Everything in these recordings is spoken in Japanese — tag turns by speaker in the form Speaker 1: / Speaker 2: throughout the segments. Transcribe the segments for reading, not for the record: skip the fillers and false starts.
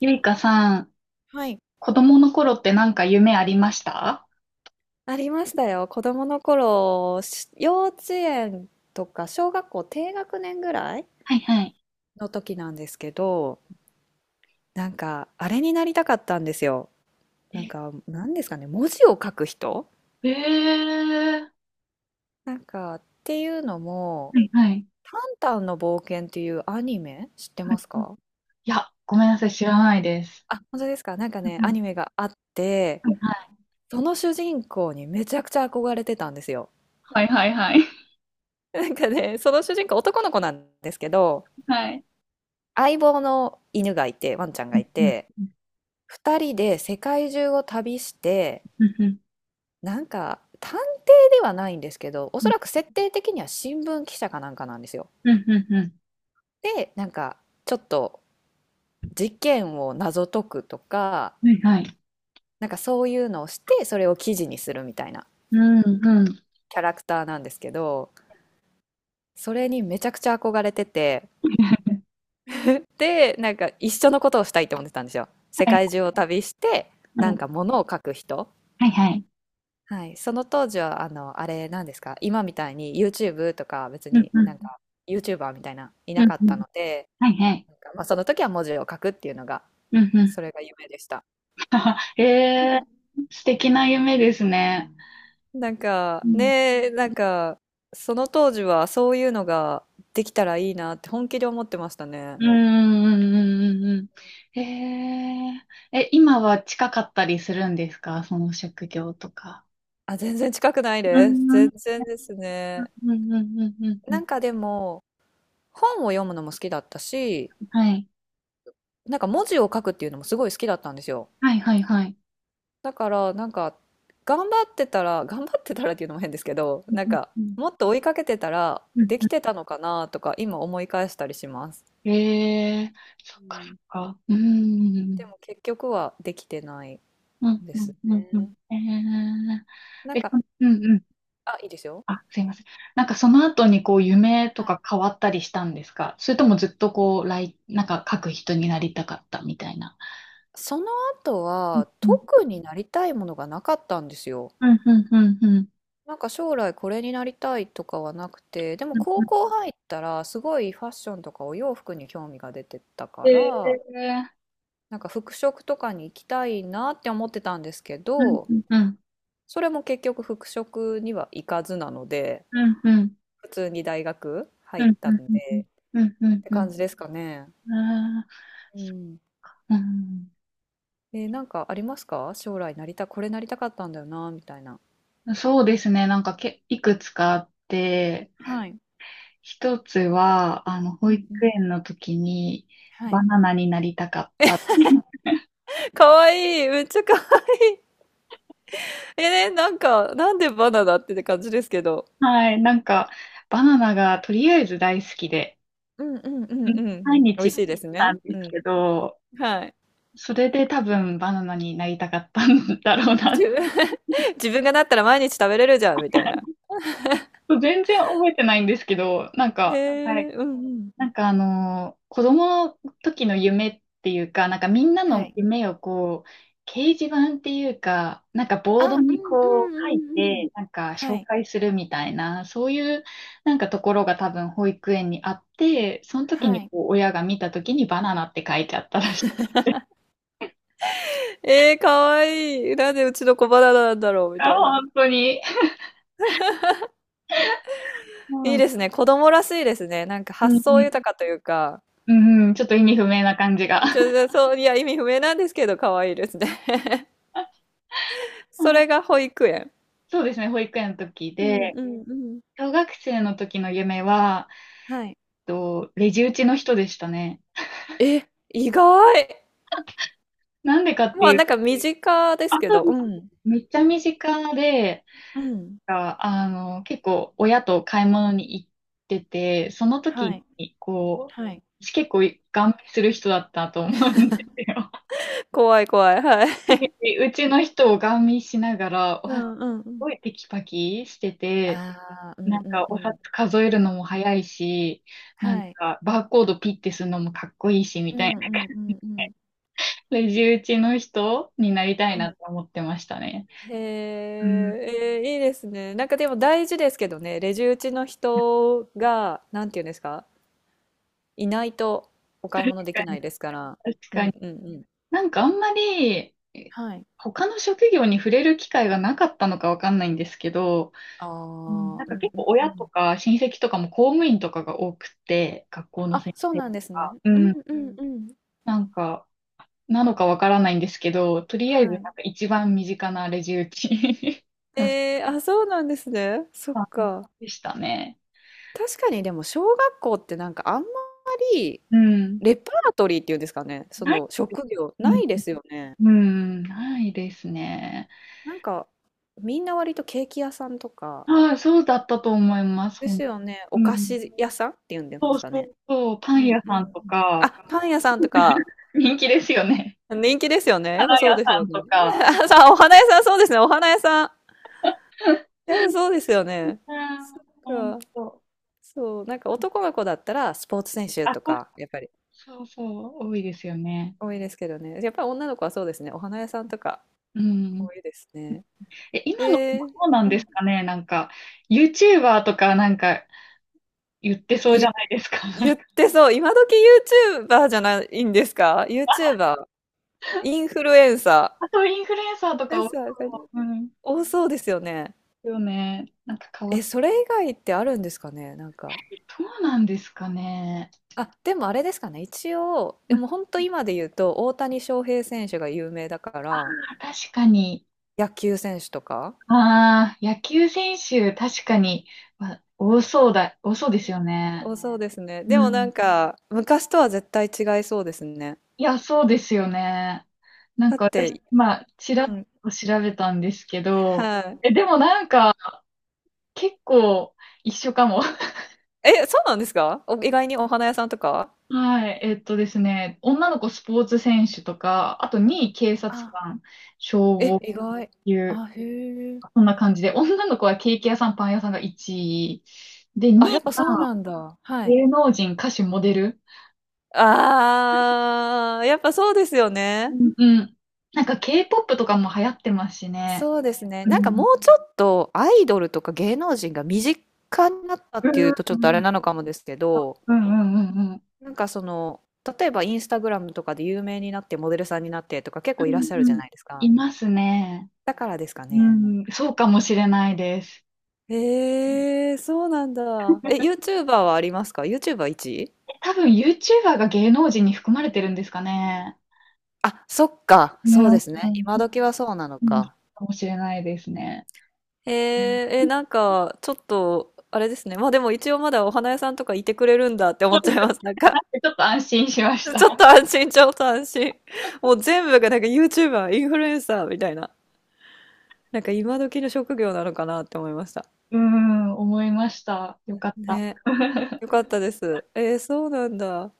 Speaker 1: ゆいかさん、
Speaker 2: はい。
Speaker 1: 子供の頃ってなんか夢ありました？
Speaker 2: ありましたよ。子供の頃、幼稚園とか小学校低学年ぐらい
Speaker 1: はいはい。
Speaker 2: の時なんですけど、なんかあれになりたかったんですよ。なんか何ですかね、文字を書く人
Speaker 1: ええー、
Speaker 2: なんかっていうのも、
Speaker 1: はいはい。
Speaker 2: タンタンの冒険っていうアニメ知って
Speaker 1: はい。
Speaker 2: ますか？
Speaker 1: いや、ごめんなさい、知らないです。
Speaker 2: あ、本当ですか。なんか
Speaker 1: う
Speaker 2: ね、
Speaker 1: んう
Speaker 2: ア
Speaker 1: ん、
Speaker 2: ニメがあって、その主人公にめちゃくちゃ憧れてたんですよ。
Speaker 1: はいはいはい。
Speaker 2: なんかね、その主人公男の子なんですけど、
Speaker 1: はい。
Speaker 2: 相棒の犬がいて、ワンちゃん
Speaker 1: う
Speaker 2: がい
Speaker 1: ん
Speaker 2: て、二人で世界中を旅して、
Speaker 1: うんうん
Speaker 2: なんか探偵ではないんですけど、おそらく設定的には新聞記者かなんかなんですよ。
Speaker 1: うんうん
Speaker 2: で、なんかちょっと事件を謎解くとか、
Speaker 1: うんうん、はいはい。
Speaker 2: なんかそういうのをして、それを記事にするみたいな
Speaker 1: うんうん。
Speaker 2: キャラクターなんですけど、それにめちゃくちゃ憧れてて、で、なんか一緒のことをしたいと思ってたんですよ。世
Speaker 1: はい
Speaker 2: 界中を旅して、なん
Speaker 1: は
Speaker 2: か物を書く人。
Speaker 1: いはい。
Speaker 2: はい、その当時はあれなんですか、今みたいに YouTube とか別
Speaker 1: うん
Speaker 2: に
Speaker 1: う
Speaker 2: な
Speaker 1: ん
Speaker 2: んか YouTuber みたいないな
Speaker 1: うん
Speaker 2: かっ
Speaker 1: う
Speaker 2: た
Speaker 1: ん、
Speaker 2: ので、
Speaker 1: はいはい。
Speaker 2: なんかまあ、その時は文字を書くっていうのが、
Speaker 1: うんうん。
Speaker 2: それが夢でした。
Speaker 1: ええ ー、素敵な夢ですね。
Speaker 2: なん
Speaker 1: う
Speaker 2: か
Speaker 1: ん
Speaker 2: ねえ、なんかその当時はそういうのができたらいいなって本気で思ってましたね。
Speaker 1: うんうんうんうんうんうん。え、今は近かったりするんですか、その職業とか？
Speaker 2: あ、全然近くない
Speaker 1: う
Speaker 2: です。
Speaker 1: ん、うん、
Speaker 2: 全然です
Speaker 1: う
Speaker 2: ね。
Speaker 1: ん、うん、うん、うんう
Speaker 2: な
Speaker 1: ん、
Speaker 2: んかでも本を読むのも好きだったし、
Speaker 1: はい。
Speaker 2: なんか文字を書くっていうのもすごい好きだったんですよ。
Speaker 1: はい、はい、はい。
Speaker 2: だからなんか頑張ってたら 頑張ってたらっていうのも変ですけど、
Speaker 1: うん、
Speaker 2: なんか
Speaker 1: うん、
Speaker 2: もっと追いかけてたら
Speaker 1: うん。
Speaker 2: でき
Speaker 1: う
Speaker 2: てたのかなとか今思い返したりします。
Speaker 1: ん。そっ
Speaker 2: う
Speaker 1: か、そっ
Speaker 2: ん、
Speaker 1: か。う
Speaker 2: で
Speaker 1: ん、
Speaker 2: も結局はできてない
Speaker 1: うん、
Speaker 2: で
Speaker 1: う
Speaker 2: す
Speaker 1: ん、うん、うん。
Speaker 2: ね。なん
Speaker 1: え、そ
Speaker 2: か、
Speaker 1: う
Speaker 2: うん。
Speaker 1: ん、うん。
Speaker 2: あ、いいですよ。
Speaker 1: あ、すいません。なんかその後にこう夢と
Speaker 2: はい、
Speaker 1: か変わったりしたんですか、それともずっとこう、来、なんか書く人になりたかったみたいな？
Speaker 2: その後
Speaker 1: う
Speaker 2: は
Speaker 1: ん
Speaker 2: 特になりたいものがなかったんですよ。
Speaker 1: うん、うん、うん、うん。
Speaker 2: なんか将来これになりたいとかはなくて、でも
Speaker 1: うん
Speaker 2: 高
Speaker 1: うん、
Speaker 2: 校入ったらすごいファッションとかお洋服に興味が出てたから、
Speaker 1: で、
Speaker 2: なんか服飾とかに行きたいなって思ってたんですけ
Speaker 1: うん
Speaker 2: ど、
Speaker 1: うんうん
Speaker 2: それも結局服飾には行かずなので、
Speaker 1: うんうんうん
Speaker 2: 普通に大学入
Speaker 1: う
Speaker 2: っ
Speaker 1: ん
Speaker 2: た
Speaker 1: うん
Speaker 2: んで、
Speaker 1: う
Speaker 2: っ
Speaker 1: ん
Speaker 2: て
Speaker 1: う
Speaker 2: 感
Speaker 1: ん、
Speaker 2: じですかね。
Speaker 1: あ
Speaker 2: うん。
Speaker 1: ー、
Speaker 2: なんかありますか、将来なりた、これなりたかったんだよな、みたいな。
Speaker 1: うん、そうですね。なんかいくつかあって、
Speaker 2: はい。
Speaker 1: 一つは、
Speaker 2: う
Speaker 1: 保
Speaker 2: ん
Speaker 1: 育
Speaker 2: うん。
Speaker 1: 園の時に
Speaker 2: は
Speaker 1: バ
Speaker 2: い。
Speaker 1: ナナになりたかった。
Speaker 2: かわいい、めっちゃかわいい。なんか、なんでバナナってって感じですけど。
Speaker 1: はい。なんか、バナナがとりあえず大好きで、
Speaker 2: うんうんう
Speaker 1: う
Speaker 2: ん
Speaker 1: ん、
Speaker 2: うん。
Speaker 1: 毎
Speaker 2: 美味
Speaker 1: 日
Speaker 2: しいです
Speaker 1: な
Speaker 2: ね。
Speaker 1: んで
Speaker 2: う
Speaker 1: す
Speaker 2: ん。
Speaker 1: けど、
Speaker 2: はい。
Speaker 1: それで多分バナナになりたかったんだろう
Speaker 2: 自
Speaker 1: な。
Speaker 2: 分 自分がなったら毎日食べれるじゃん、みたいな。
Speaker 1: 全然覚えてないんですけど、なん
Speaker 2: へ
Speaker 1: か、はい。
Speaker 2: え、うんうん。
Speaker 1: なんか子供の時の夢っていうか、なんかみんな
Speaker 2: は
Speaker 1: の
Speaker 2: い。
Speaker 1: 夢をこう、掲示板っていうか、なんかボード
Speaker 2: あ、う
Speaker 1: に
Speaker 2: んう
Speaker 1: こ
Speaker 2: んう
Speaker 1: う書い
Speaker 2: んうん。
Speaker 1: て、なんか
Speaker 2: は
Speaker 1: 紹
Speaker 2: い、
Speaker 1: 介するみたいな、そういうなんかところが多分保育園にあって、その時
Speaker 2: は
Speaker 1: に
Speaker 2: い。
Speaker 1: こう親が見た時にバナナって書いちゃったらしい。
Speaker 2: ええ、かわいい。なんでうちの子バナナなんだろうみ
Speaker 1: あ、
Speaker 2: たいな。
Speaker 1: 本当に。う
Speaker 2: い
Speaker 1: ん、
Speaker 2: い
Speaker 1: う
Speaker 2: ですね、子供らしいですね。なんか発想
Speaker 1: ん、
Speaker 2: 豊かというか、
Speaker 1: うん、ちょっと意味不明な感じが。
Speaker 2: ちょで、そう、いや、意味不明なんですけど可愛いですね。
Speaker 1: う
Speaker 2: そ
Speaker 1: ん、
Speaker 2: れが保育園。
Speaker 1: そうですね、保育園の時
Speaker 2: うんう
Speaker 1: で、
Speaker 2: んうん。
Speaker 1: 小学生の時の夢は、
Speaker 2: はい。
Speaker 1: レジ打ちの人でしたね。
Speaker 2: え、意外。
Speaker 1: なんでかって
Speaker 2: まあ、
Speaker 1: いう、
Speaker 2: なんか身近です
Speaker 1: 朝、
Speaker 2: けど、うん。
Speaker 1: めっちゃ身近で、
Speaker 2: うん。
Speaker 1: あ、結構親と買い物に行ってて、その
Speaker 2: は
Speaker 1: 時
Speaker 2: い、
Speaker 1: に、こ
Speaker 2: はい。
Speaker 1: う、私結構ガン見する人だったと思うんですよ。
Speaker 2: 怖い怖い、はい。
Speaker 1: で、うちの人をガン見しながら、
Speaker 2: う
Speaker 1: わ、す
Speaker 2: んうんうん。
Speaker 1: ごいテキパキしてて、
Speaker 2: ああ、うん
Speaker 1: なん
Speaker 2: うん
Speaker 1: か
Speaker 2: う
Speaker 1: お札
Speaker 2: ん。
Speaker 1: 数えるのも早いし、なん
Speaker 2: はい。
Speaker 1: かバーコードピッてするのもかっこいいし、み
Speaker 2: う
Speaker 1: たいな。
Speaker 2: んうんうんうん。
Speaker 1: レジ打ちの人になりたい
Speaker 2: う
Speaker 1: な
Speaker 2: ん。
Speaker 1: って思ってましたね。
Speaker 2: へ
Speaker 1: うん。
Speaker 2: え、いいですね。なんかでも大事ですけどね、レジ打ちの人が、なんていうんですか、いないとお買い物
Speaker 1: 確
Speaker 2: でき
Speaker 1: か
Speaker 2: な
Speaker 1: に。
Speaker 2: いですから。
Speaker 1: 確
Speaker 2: う
Speaker 1: か
Speaker 2: ん
Speaker 1: に。
Speaker 2: うんうん。
Speaker 1: なんかあんまり、
Speaker 2: はい。
Speaker 1: 他の職業に触れる機会がなかったのかわかんないんですけど、
Speaker 2: ああ、
Speaker 1: うん。
Speaker 2: う
Speaker 1: な
Speaker 2: ん
Speaker 1: ん
Speaker 2: う
Speaker 1: か
Speaker 2: ん
Speaker 1: 結構
Speaker 2: う
Speaker 1: 親と
Speaker 2: ん。
Speaker 1: か親戚とかも公務員とかが多くて、学校の
Speaker 2: あ、
Speaker 1: 先
Speaker 2: そう
Speaker 1: 生
Speaker 2: なん
Speaker 1: と
Speaker 2: ですね。
Speaker 1: か、う
Speaker 2: うん
Speaker 1: ん、
Speaker 2: うんん。うん。
Speaker 1: なんか、なのかわからないんですけど、とりあえずな
Speaker 2: は
Speaker 1: ん
Speaker 2: い。
Speaker 1: か一番身近なレジ打ち の人
Speaker 2: えー、あ、そうなんですね。そっか。
Speaker 1: でしたね。
Speaker 2: 確かにでも小学校ってなんかあんまり
Speaker 1: うん。
Speaker 2: レパートリーっていうんですかね、そ
Speaker 1: ない
Speaker 2: の
Speaker 1: です。
Speaker 2: 職業
Speaker 1: う
Speaker 2: な
Speaker 1: ん、
Speaker 2: いですよね。
Speaker 1: うん、ないですね。
Speaker 2: なんか、みんな割とケーキ屋さんとか、
Speaker 1: はい、そうだったと思います、
Speaker 2: ですよね、
Speaker 1: う
Speaker 2: お菓
Speaker 1: ん。
Speaker 2: 子屋さんっていうんで
Speaker 1: そう
Speaker 2: すか
Speaker 1: そ
Speaker 2: ね。
Speaker 1: うそう、パ
Speaker 2: うん
Speaker 1: ン
Speaker 2: うん
Speaker 1: 屋
Speaker 2: う
Speaker 1: さん
Speaker 2: ん。
Speaker 1: と
Speaker 2: あ、
Speaker 1: か、
Speaker 2: パン屋さんとか、
Speaker 1: 人気ですよね。
Speaker 2: 人気ですよね。やっぱ
Speaker 1: 花屋
Speaker 2: そうです
Speaker 1: さ
Speaker 2: よ
Speaker 1: ん
Speaker 2: ね。
Speaker 1: と か。
Speaker 2: あ、さあ、お花屋さん、そうですね、お花屋さん。やっぱそうですよ
Speaker 1: うん、
Speaker 2: ね。な
Speaker 1: ほん
Speaker 2: んか、
Speaker 1: と。
Speaker 2: そう、なんか男の子だったらスポーツ選手
Speaker 1: あ、
Speaker 2: とか、やっぱり
Speaker 1: そうそう、多いですよね。
Speaker 2: 多いですけどね。やっぱり女の子はそうですね、お花屋さんとか
Speaker 1: うん。
Speaker 2: 多いですね。
Speaker 1: え、今の子も
Speaker 2: えー、
Speaker 1: そうなん
Speaker 2: う
Speaker 1: で
Speaker 2: ん、
Speaker 1: すかね、なんか、YouTuber とかなんか言ってそうじゃ
Speaker 2: い
Speaker 1: ないですか。
Speaker 2: 言っ てそう、今時 YouTuber じゃないんですか？ YouTuber。インフルエンサ
Speaker 1: あと、インフルエン
Speaker 2: ー。インフル
Speaker 1: サーと
Speaker 2: エ
Speaker 1: か
Speaker 2: ン
Speaker 1: を。
Speaker 2: サーが
Speaker 1: うん、
Speaker 2: 多そうですよね。
Speaker 1: よね。なんか変わ
Speaker 2: え、
Speaker 1: っ
Speaker 2: それ以外ってあるんですかね、なんか。
Speaker 1: てる。そうなんですかね。
Speaker 2: あ、でもあれですかね、一応、
Speaker 1: う
Speaker 2: で
Speaker 1: ん、
Speaker 2: も本当今で言うと、大谷翔平選手が有名だから、
Speaker 1: 確かに。
Speaker 2: 野球選手とか、
Speaker 1: ああ、野球選手、確かに、ま、多そうだ、多そうですよね。
Speaker 2: 多そうですね。で
Speaker 1: う
Speaker 2: もな
Speaker 1: ん。
Speaker 2: んか、昔とは絶対違いそうですね。
Speaker 1: いや、そうですよね。なん
Speaker 2: だっ
Speaker 1: か私、
Speaker 2: て、
Speaker 1: まあ、ちらっと調べたんですけど、
Speaker 2: は
Speaker 1: え、でもなんか、結構一緒かも。
Speaker 2: い。え、そうなんですか？お意外にお花屋さんとか、
Speaker 1: はい。ですね、女の子スポーツ選手とか、あと2位警察
Speaker 2: あ、
Speaker 1: 官、消
Speaker 2: え、
Speaker 1: 防
Speaker 2: 意外。
Speaker 1: 級、
Speaker 2: あ、へえ。
Speaker 1: こんな感じで、女の子はケーキ屋さん、パン屋さんが1位。で、
Speaker 2: あ、
Speaker 1: 2
Speaker 2: や
Speaker 1: 位
Speaker 2: っぱそう
Speaker 1: が
Speaker 2: なんだ。はい。
Speaker 1: 芸能人、歌手、モデル。
Speaker 2: あー、やっぱそうですよ
Speaker 1: う
Speaker 2: ね。
Speaker 1: んうん。なんか K-POP とかも流行ってますしね。
Speaker 2: そうですね。
Speaker 1: う
Speaker 2: なんか
Speaker 1: ん。
Speaker 2: もうちょっとアイドルとか芸能人が身近になった
Speaker 1: う
Speaker 2: っていうとちょっとあれ
Speaker 1: ん。
Speaker 2: なのかもですけど、
Speaker 1: うんうんうんうんうん。
Speaker 2: なんかその、例えばインスタグラムとかで有名になってモデルさんになってとか結構いらっしゃる
Speaker 1: う
Speaker 2: じゃ
Speaker 1: ん、
Speaker 2: ないですか。
Speaker 1: いますね。
Speaker 2: だからですか
Speaker 1: う
Speaker 2: ね。
Speaker 1: ん、そうかもしれないです。
Speaker 2: えー、そうなんだ。え、YouTuber はありますか？ YouTuber1 位、
Speaker 1: 多分 YouTuber が芸能人に含まれてるんですかね。
Speaker 2: あ、そっか。
Speaker 1: ね。
Speaker 2: そうですね。
Speaker 1: うん、
Speaker 2: 今
Speaker 1: そ
Speaker 2: 時はそうなの
Speaker 1: うに。
Speaker 2: か。
Speaker 1: かもしれないですね。
Speaker 2: えー、
Speaker 1: うん、
Speaker 2: えー、なんかちょっと、あれですね。まあでも一応まだお花屋さんとかいてくれるんだって思っちゃいます。なんか
Speaker 1: ちょっと安心しまし
Speaker 2: ち
Speaker 1: た。
Speaker 2: ょっと安心、ちょっと安心。もう全部がなんか YouTuber、インフルエンサーみたいな。なんか今時の職業なのかなって思いました。
Speaker 1: うん、思いました。よかった。
Speaker 2: ね。よかったです。えー、そうなんだ。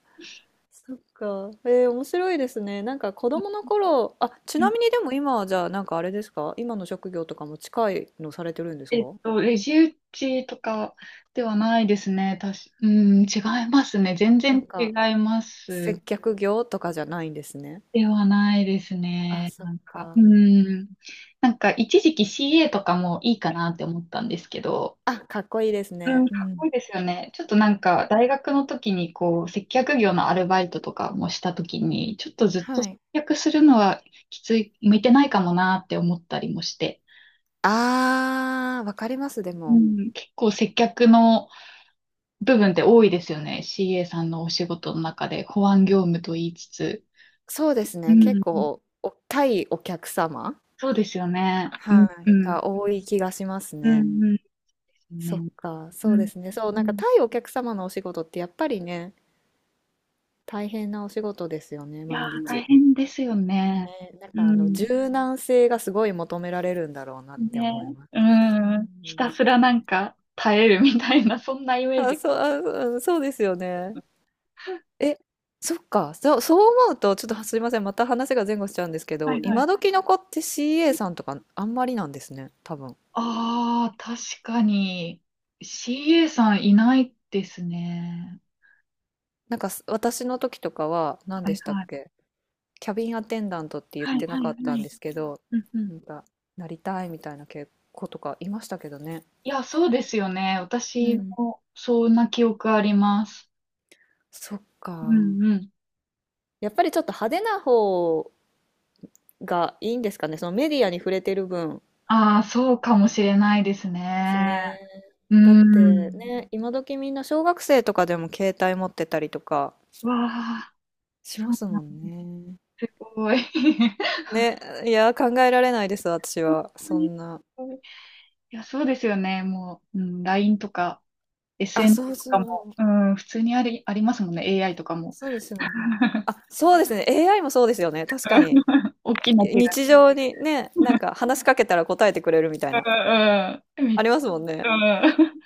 Speaker 2: そっか。えー、面白いですね。なんか子供の 頃、あ、ちなみにでも今はじゃあなんかあれですか、今の職業とかも近いのされてるんですか？
Speaker 1: レジ打ちとかではないですね。うん、違いますね。全
Speaker 2: なん
Speaker 1: 然違
Speaker 2: か
Speaker 1: います。
Speaker 2: 接客業とかじゃないんですね。
Speaker 1: ではないです
Speaker 2: あ、
Speaker 1: ね。
Speaker 2: そっ
Speaker 1: なんか、う
Speaker 2: か。
Speaker 1: ん。なんか、一時期 CA とかもいいかなって思ったんですけど、
Speaker 2: あ、かっこいいです
Speaker 1: う
Speaker 2: ね。
Speaker 1: ん、
Speaker 2: う
Speaker 1: かっこい
Speaker 2: ん。
Speaker 1: いですよね。ちょっとなんか、大学の時にこう、接客業のアルバイトとかもした時に、ちょっとずっと
Speaker 2: は
Speaker 1: 接
Speaker 2: い。
Speaker 1: 客するのはきつい、向いてないかもなって思ったりもして、
Speaker 2: あー、わかります、で
Speaker 1: う
Speaker 2: も。
Speaker 1: ん、結構接客の、部分って多いですよね。CA さんのお仕事の中で保安業務と言いつつ。
Speaker 2: そうです
Speaker 1: う
Speaker 2: ね。結うん。
Speaker 1: ん、
Speaker 2: 構、お対お客様、
Speaker 1: そうですよね。うん、
Speaker 2: は
Speaker 1: う
Speaker 2: い、
Speaker 1: ん、
Speaker 2: が多い気がします
Speaker 1: う
Speaker 2: ね。
Speaker 1: ん、うん、です
Speaker 2: そ
Speaker 1: ね。
Speaker 2: っか、
Speaker 1: う
Speaker 2: そうで
Speaker 1: ん、
Speaker 2: すね。そう、
Speaker 1: う
Speaker 2: なんか
Speaker 1: ん。
Speaker 2: 対お客様のお仕事ってやっぱりね、大変なお仕事ですよね、
Speaker 1: いや
Speaker 2: 毎
Speaker 1: ー、大
Speaker 2: 日。
Speaker 1: 変ですよね。
Speaker 2: ね、なん
Speaker 1: う
Speaker 2: かあの
Speaker 1: ん。
Speaker 2: 柔軟性がすごい求められるんだろうなって
Speaker 1: ね。
Speaker 2: 思いま
Speaker 1: う
Speaker 2: す。うん。
Speaker 1: ん。ひたすらなんか耐えるみたいな、そんなイメー
Speaker 2: あ、
Speaker 1: ジ。
Speaker 2: そう、あ、そううん、そうですよね。え、そっか、そう、そう思うと、ちょっとすいません、また話が前後しちゃうんですけ
Speaker 1: は
Speaker 2: ど、
Speaker 1: いはい。
Speaker 2: 今時の子って CA さんとかあんまりなんですね、多分。
Speaker 1: ああ、確かに。CA さんいないですね。
Speaker 2: なんか私の時とかは何
Speaker 1: は
Speaker 2: で
Speaker 1: い
Speaker 2: したっ
Speaker 1: はい。
Speaker 2: け、キャビンアテンダントって言っ
Speaker 1: はい
Speaker 2: てな
Speaker 1: は
Speaker 2: か
Speaker 1: い
Speaker 2: った
Speaker 1: は
Speaker 2: ん
Speaker 1: い。
Speaker 2: ですけど、
Speaker 1: うんうん、
Speaker 2: なんかなりたいみたいな子とかいましたけどね。
Speaker 1: いや、そうですよね。
Speaker 2: う
Speaker 1: 私
Speaker 2: ん。
Speaker 1: も、そんな記憶あります。
Speaker 2: そっ
Speaker 1: う
Speaker 2: か。
Speaker 1: んうん。
Speaker 2: やっぱりちょっと派手な方がいいんですかね。そのメディアに触れてる分
Speaker 1: ああ、そうかもしれないです
Speaker 2: です
Speaker 1: ね。
Speaker 2: ね。
Speaker 1: う
Speaker 2: だって
Speaker 1: ん。
Speaker 2: ね、今時みんな小学生とかでも携帯持ってたりとか。
Speaker 1: わあ、
Speaker 2: し
Speaker 1: そ
Speaker 2: ま
Speaker 1: う
Speaker 2: す
Speaker 1: な
Speaker 2: も
Speaker 1: ん
Speaker 2: んね。
Speaker 1: すごい。
Speaker 2: ね、いや、考えられないです、私
Speaker 1: 本
Speaker 2: は。
Speaker 1: 当
Speaker 2: そ
Speaker 1: にす
Speaker 2: んな。
Speaker 1: ごい。いや、そうですよね。もう、うん、LINE とか、
Speaker 2: あ、そう
Speaker 1: SNS と
Speaker 2: そ
Speaker 1: かも、
Speaker 2: う。
Speaker 1: うん、普通にありますもんね。AI とかも。
Speaker 2: そうですよね。あ、そうですね。AI もそうですよね。確かに。
Speaker 1: 大きな違
Speaker 2: 日
Speaker 1: い。
Speaker 2: 常にね、なんか話しかけたら答えてくれるみたいな。
Speaker 1: うんうん。
Speaker 2: ありますもん
Speaker 1: う
Speaker 2: ね。
Speaker 1: ん。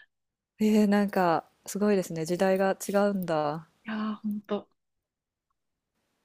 Speaker 2: えー、なんか、すごいですね。時代が違うんだ。
Speaker 1: いやー、ほんと。